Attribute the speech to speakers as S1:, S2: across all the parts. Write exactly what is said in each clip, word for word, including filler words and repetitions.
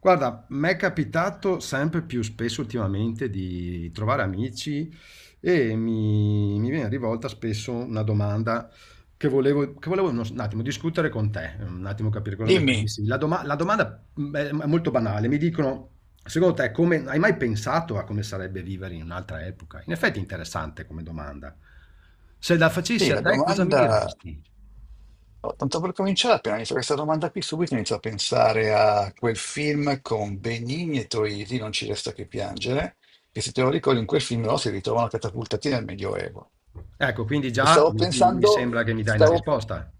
S1: Guarda, mi è capitato sempre più spesso ultimamente di trovare amici e mi, mi viene rivolta spesso una domanda che volevo, che volevo uno- un attimo discutere con te, un attimo capire cosa ne
S2: Dimmi,
S1: pensi. La, doma- la domanda mm, è è molto banale, mi dicono, secondo te, come, hai mai pensato a come sarebbe vivere in un'altra epoca? In effetti è interessante come domanda. Se la facessi
S2: sì,
S1: a
S2: la
S1: te, cosa mi
S2: domanda,
S1: diresti?
S2: oh, tanto per cominciare, appena inizio questa domanda qui, subito inizio a pensare a quel film con Benigni e Troisi, Non ci resta che piangere, che se te lo ricordi in quel film loro si ritrovano catapultati nel Medioevo.
S1: Ecco, quindi
S2: E
S1: già
S2: stavo
S1: mi, mi
S2: pensando,
S1: sembra che mi dai una
S2: stavo,
S1: risposta.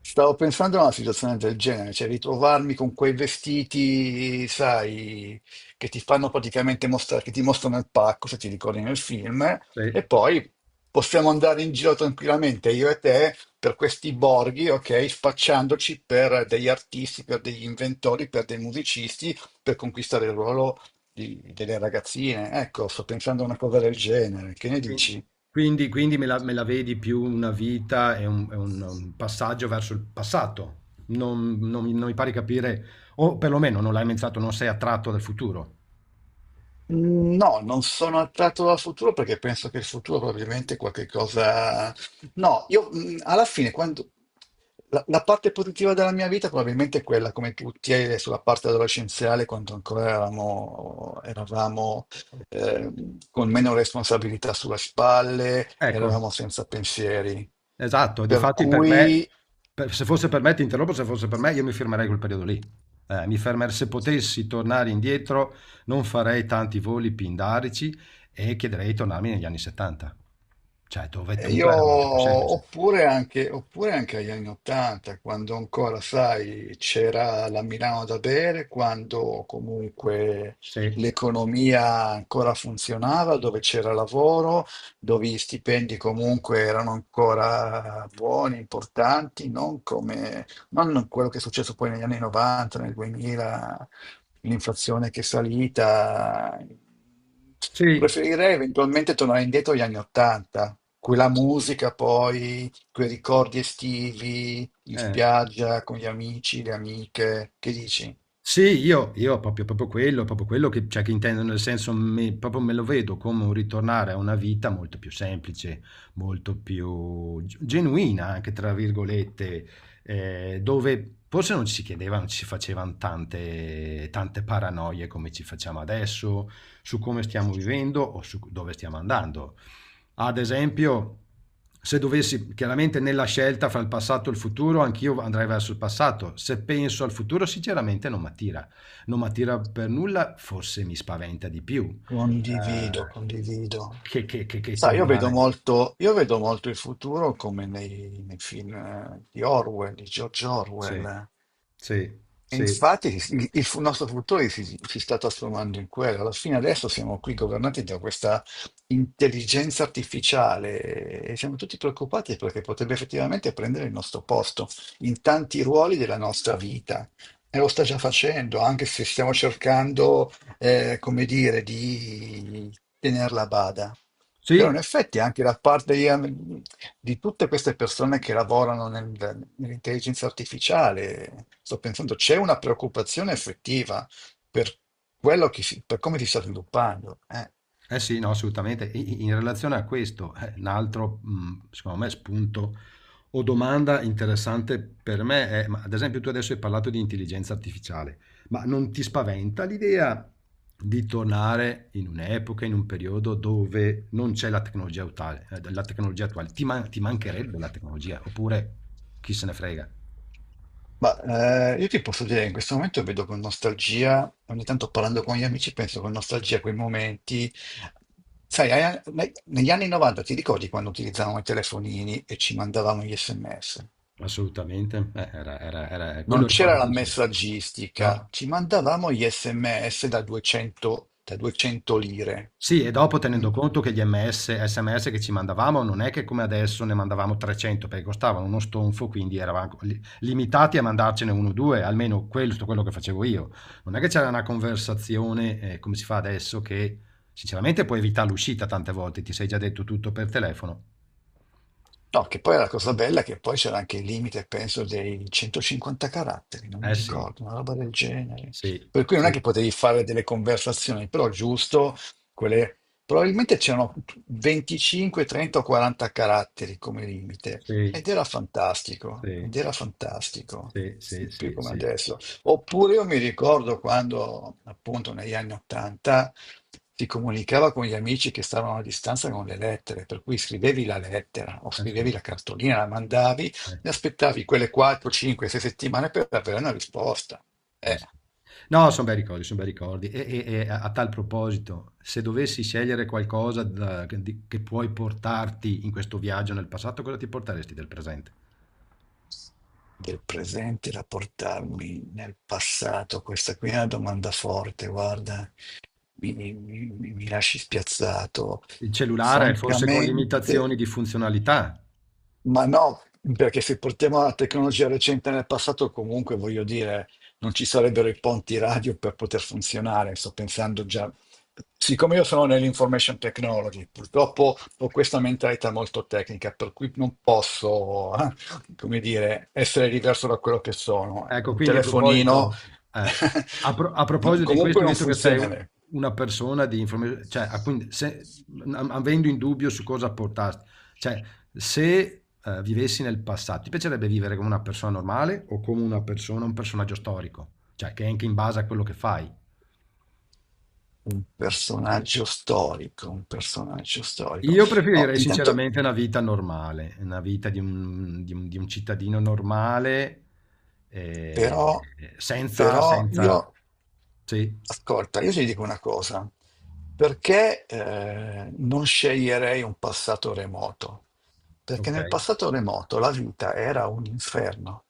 S2: stavo pensando a una situazione del genere, cioè ritrovarmi con quei vestiti, sai, che ti fanno praticamente mostrare, che ti mostrano il pacco, se ti ricordi nel film.
S1: Sì.
S2: E poi possiamo andare in giro tranquillamente, io e te, per questi borghi, ok? Spacciandoci per degli artisti, per degli inventori, per dei musicisti, per conquistare il ruolo di- delle ragazzine. Ecco, sto pensando a una cosa del genere. Che ne
S1: Quindi
S2: dici?
S1: quindi quindi me la me la vedi più una vita è un è un un passaggio verso il passato. Non non mi non mi pare di capire o perlomeno non l'hai menzionato, non sei attratto dal futuro.
S2: No, non sono attratto dal futuro perché penso che il futuro probabilmente è qualche cosa... No, io mh, alla fine, quando... la, la parte positiva della mia vita probabilmente è quella, come tutti, è sulla parte adolescenziale, quando ancora eravamo, eravamo, eh, con meno responsabilità sulle spalle,
S1: Ecco,
S2: eravamo senza pensieri.
S1: esatto.
S2: Per
S1: Difatti per me
S2: cui...
S1: per se fosse per me ti interrompo, se fosse per me io mi fermerei quel periodo lì. Eh, mi fermer se potessi tornare indietro non farei tanti voli pindarici e chiederei di tornarmi negli anni 'settanta. Cioè dove
S2: E
S1: tutto
S2: io,
S1: era molto più semplice.
S2: oppure anche, oppure anche agli anni Ottanta, quando ancora, sai, c'era la Milano da bere, quando comunque
S1: Sì,
S2: l'economia ancora funzionava, dove c'era lavoro, dove gli stipendi comunque erano ancora buoni, importanti, non come, non quello che è successo poi negli anni novanta, nel duemila, l'inflazione che è salita.
S1: sì,
S2: Preferirei eventualmente tornare indietro agli anni ottanta, quella musica poi, quei ricordi estivi in
S1: eh.
S2: spiaggia con gli amici, le amiche, che dici?
S1: Sì, io io proprio proprio quello proprio quello che cioè che intendo, nel senso mi proprio me lo vedo come un ritornare a una vita molto più semplice, molto più ge "genuina" anche tra virgolette, ehm, dove forse non ci si chiedeva, non ci si facevan tante tante paranoie come ci facciamo adesso, su come stiamo vivendo o su c dove stiamo andando. Ad esempio, se dovessi chiaramente nella scelta fra il passato e il futuro, anch'io andrei verso il passato. Se penso al futuro, sinceramente non mi attira. Non mi attira per nulla, forse mi spaventa di più,
S2: Condivido,
S1: eh,
S2: condivido.
S1: che, che- che- che
S2: Sai, io vedo
S1: tornare.
S2: molto, io vedo molto il futuro come nei, nei film eh, di Orwell, di George
S1: Sì,
S2: Orwell.
S1: sì,
S2: E
S1: sì.
S2: infatti il, il fu- nostro futuro si, si sta trasformando in quello. Alla fine adesso siamo qui governati da questa intelligenza artificiale e siamo tutti preoccupati perché potrebbe effettivamente prendere il nostro posto in tanti ruoli della nostra vita. E lo sta già facendo, anche se stiamo cercando eh, come dire, di tenerla a bada. Però
S1: Sì,
S2: in effetti anche da parte di, ehm, di tutte queste persone che lavorano nel- nell'intelligenza artificiale, sto pensando, c'è una preoccupazione effettiva per quello che si- per come si sta sviluppando. eh.
S1: eh sì, no, assolutamente. I- In relazione a questo, eh, un altro, mh, secondo me, spunto o domanda interessante per me è, ma ad esempio tu adesso hai parlato di intelligenza artificiale, ma non ti spaventa l'idea di tornare in un'epoca, in un periodo dove non c'è la tecnologia attuale? eh, la tecnologia attuale? Ti, man- ti mancherebbe la tecnologia? Oppure chi se ne frega?
S2: Ma eh, io ti posso dire che in questo momento vedo con nostalgia, ogni tanto parlando con gli amici, penso con nostalgia a quei momenti. Sai, ai- ne- negli anni novanta ti ricordi quando utilizzavamo i telefonini e ci mandavamo gli S M S?
S1: Assolutamente. Eh, era, era, era
S2: Non
S1: quello
S2: c'era
S1: ricordo
S2: la
S1: fisso.
S2: messaggistica,
S1: No?
S2: ci mandavamo gli S M S da duecento, da duecento lire.
S1: Sì, e dopo
S2: Mm?
S1: tenendo conto che gli ms sms che ci mandavamo non è che come adesso ne mandavamo trecento perché costavano uno stonfo, quindi eravamo li- limitati a mandarcene uno o due, almeno questo quello che facevo io. Non è che c'era una conversazione eh, come si fa adesso che sinceramente puoi evitare l'uscita tante volte, ti sei già detto tutto per telefono.
S2: No, che poi è la cosa bella, è che poi c'era anche il limite, penso, dei centocinquanta caratteri, non mi
S1: Eh sì,
S2: ricordo, una roba del genere.
S1: sì,
S2: Per cui non è
S1: sì,
S2: che potevi fare delle conversazioni, però giusto, quelle... probabilmente c'erano venticinque, trenta o quaranta caratteri come limite,
S1: sì,
S2: ed era fantastico, ed
S1: sì,
S2: era fantastico,
S1: sì, sì,
S2: non più
S1: sì,
S2: come
S1: sì,
S2: adesso. Oppure io mi ricordo quando, appunto, negli anni ottanta si comunicava con gli amici che stavano a distanza con le lettere, per cui scrivevi la lettera o
S1: eh sì,
S2: scrivevi la cartolina, la mandavi
S1: eh,
S2: e
S1: sì.
S2: aspettavi quelle quattro, cinque, sei settimane per avere una risposta.
S1: Eh
S2: Eh,
S1: sì. No, son bei ricordi, son bei ricordi. E e e a a tal proposito, se dovessi scegliere qualcosa da che di che puoi portarti in questo viaggio nel passato, cosa ti porteresti del presente?
S2: Del presente da portarmi nel passato, questa qui è una domanda forte, guarda, mi, mi- mi- mi lasci spiazzato.
S1: Il cellulare forse con
S2: Francamente,
S1: limitazioni di funzionalità.
S2: ma no, perché se portiamo la tecnologia recente nel passato, comunque voglio dire, non ci sarebbero i ponti radio per poter funzionare. Sto pensando già, siccome io sono nell'information technology, purtroppo ho questa mentalità molto tecnica, per cui non posso, eh, come dire, essere diverso da quello che sono.
S1: Ecco,
S2: Un
S1: quindi a
S2: telefonino,
S1: proposito, eh, a, pro- a
S2: no-
S1: proposito di
S2: comunque
S1: questo,
S2: non
S1: visto che sei u-
S2: funzionerebbe.
S1: una persona di informazione, cioè, ah, quindi se- am- avendo in dubbio su cosa portarti, cioè, se eh, vivessi nel passato, ti piacerebbe vivere come una persona normale o come una persona, un personaggio storico? Cioè, che è anche in base a quello che fai.
S2: Un personaggio storico, un personaggio storico.
S1: Io
S2: Oh,
S1: preferirei
S2: intanto.
S1: sinceramente una vita normale, una vita di un, di un- di un cittadino normale, eh,
S2: Però,
S1: senza,
S2: però io,
S1: senza... Sì,
S2: ascolta, io ti dico una cosa, perché eh, non sceglierei un passato remoto? Perché
S1: ok.
S2: nel passato remoto la vita era un inferno,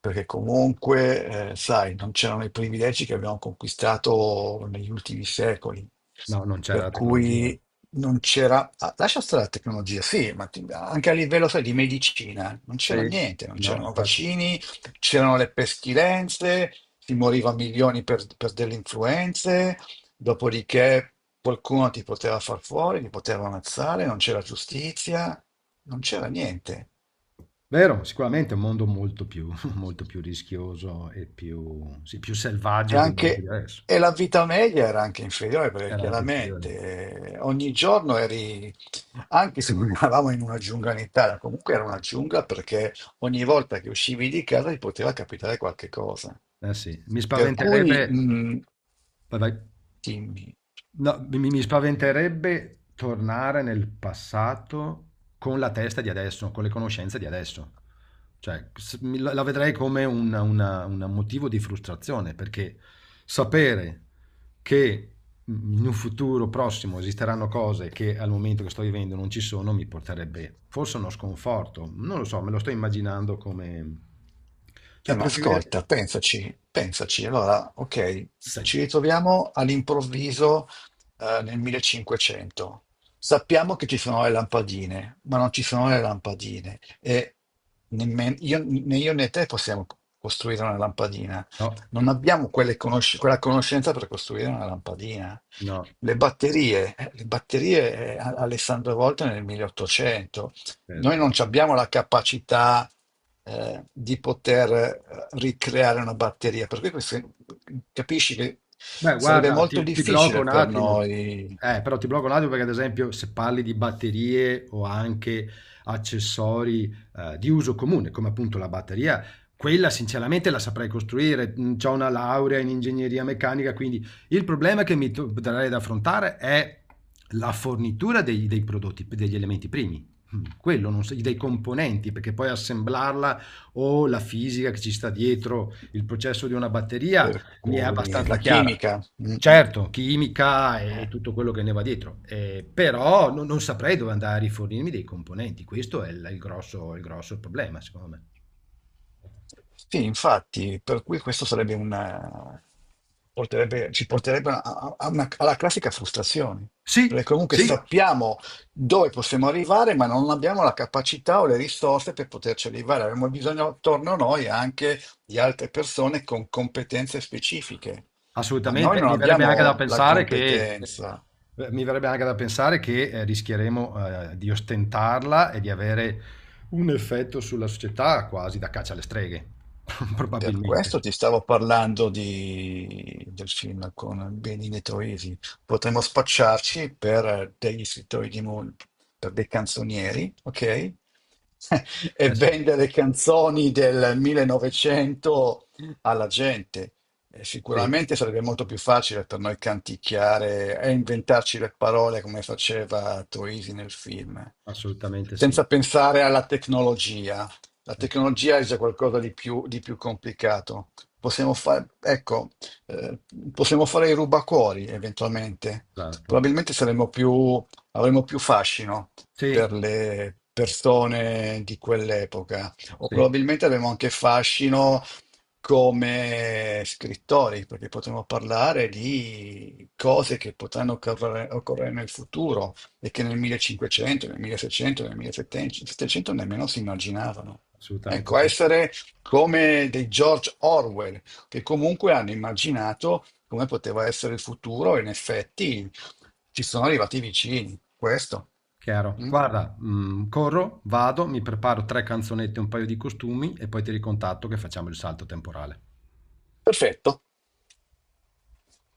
S2: perché comunque, eh, sai, non c'erano i privilegi che abbiamo conquistato negli ultimi secoli,
S1: No, non c'era la
S2: per
S1: tecnologia.
S2: cui non c'era, ah, lascia stare la tecnologia, sì, ma ti- anche a livello, sai, di medicina, non c'era
S1: Sì,
S2: niente, non
S1: no,
S2: c'erano
S1: infatti.
S2: vaccini, c'erano le pestilenze, si moriva a milioni per, per delle influenze, dopodiché qualcuno ti poteva far fuori, ti poteva ammazzare, non c'era giustizia, non c'era niente.
S1: Vero, sicuramente è un mondo molto più, molto più rischioso e più, sì, più
S2: E,
S1: selvaggio del mondo di
S2: anche,
S1: adesso.
S2: e la vita media era anche inferiore perché
S1: Era anche inferiore.
S2: chiaramente eh, ogni giorno eri, anche se non eravamo in una giungla in Italia, comunque era una giungla perché ogni volta che uscivi di casa ti poteva capitare qualche cosa.
S1: Eh sì, mi
S2: Per cui.
S1: spaventerebbe.
S2: mh,
S1: Vai, vai.
S2: Dimmi.
S1: No, mi, mi spaventerebbe tornare nel passato con la testa di adesso, con le conoscenze di adesso. Cioè, s- mi- la la vedrei come un una- un motivo di frustrazione, perché sapere che in un futuro prossimo esisteranno cose che al momento che sto vivendo non ci sono, mi porterebbe forse a uno sconforto. Non lo so, me lo sto immaginando come...
S2: Eh,
S1: Cioè,
S2: ma
S1: preferire...
S2: ascolta, pensaci, pensaci. Allora, ok,
S1: Sì.
S2: ci ritroviamo all'improvviso eh, nel millecinquecento. Sappiamo che ci sono le lampadine, ma non ci sono le lampadine e nemmen- io- né io né te possiamo costruire una lampadina.
S1: No,
S2: Non abbiamo quelle conosc- quella conoscenza per costruire una lampadina.
S1: no,
S2: Le batterie, eh, le batterie eh, Alessandro Volta nel milleottocento. Noi
S1: certo.
S2: non ci abbiamo la capacità eh, di poter eh, ricreare una batteria, per cui questo- capisci che
S1: Beh,
S2: sarebbe
S1: guarda,
S2: molto
S1: ti, ti blocco
S2: difficile
S1: un
S2: per
S1: attimo.
S2: noi,
S1: Eh, però ti blocco un attimo perché, ad esempio, se parli di batterie o anche accessori eh, di uso comune, come appunto la batteria, quella sinceramente la saprei costruire. Ho una laurea in ingegneria meccanica, quindi il problema che mi darei da affrontare è la fornitura dei, dei prodotti, degli elementi primi. Mm, quello, non so- dei componenti, perché poi assemblarla o la fisica che ci sta dietro il processo di una batteria
S2: per
S1: mi è
S2: cui
S1: abbastanza
S2: la
S1: chiara.
S2: chimica. Mm.
S1: Certo, chimica e tutto quello che ne va dietro, eh, però non, non saprei dove andare a rifornirmi dei componenti, questo è il, il grosso, il grosso problema, secondo me.
S2: Sì, infatti, per cui questo sarebbe una, porterebbe- ci porterebbe a- a- a una- alla classica frustrazione, perché
S1: Sì,
S2: comunque
S1: sì,
S2: sappiamo dove possiamo arrivare, ma non abbiamo la capacità o le risorse per poterci arrivare. Abbiamo bisogno attorno a noi anche di altre persone con competenze specifiche, ma noi
S1: assolutamente.
S2: non
S1: Mi verrebbe anche da
S2: abbiamo la
S1: pensare che,
S2: competenza.
S1: eh, mi verrebbe anche da pensare che eh, rischieremo eh, di ostentarla e di avere un effetto sulla società quasi da caccia alle streghe,
S2: Per
S1: probabilmente.
S2: questo ti stavo parlando di- del film con Benedetto Isi. Potremmo spacciarci per degli scrittori di mu- per dei canzonieri, ok? E
S1: Eh sì,
S2: vendere canzoni del millenovecento alla gente. E
S1: sì,
S2: sicuramente sarebbe molto più facile per noi canticchiare e inventarci le parole come faceva Troisi nel film,
S1: assolutamente sì.
S2: senza pensare alla tecnologia. La
S1: Eh sì,
S2: tecnologia è già qualcosa di più, di più complicato. Possiamo fare, ecco, eh, possiamo fare i rubacuori eventualmente.
S1: esatto.
S2: Probabilmente saremo più, avremo più fascino per
S1: Sì,
S2: le persone di quell'epoca, o
S1: sì,
S2: probabilmente avremo anche fascino come scrittori, perché potremmo parlare di cose che potranno occorre- occorrere nel futuro e che nel millecinquecento, nel milleseicento, nel millesettecento nemmeno si immaginavano.
S1: assolutamente
S2: Ecco,
S1: sì,
S2: essere come dei George Orwell, che comunque hanno immaginato come poteva essere il futuro e in effetti ci sono arrivati vicini. Questo.
S1: chiaro.
S2: Mm?
S1: Guarda, mhmm, corro, vado, mi preparo tre canzonette e un paio di costumi e poi ti ricontatto che facciamo il salto temporale.
S2: Perfetto.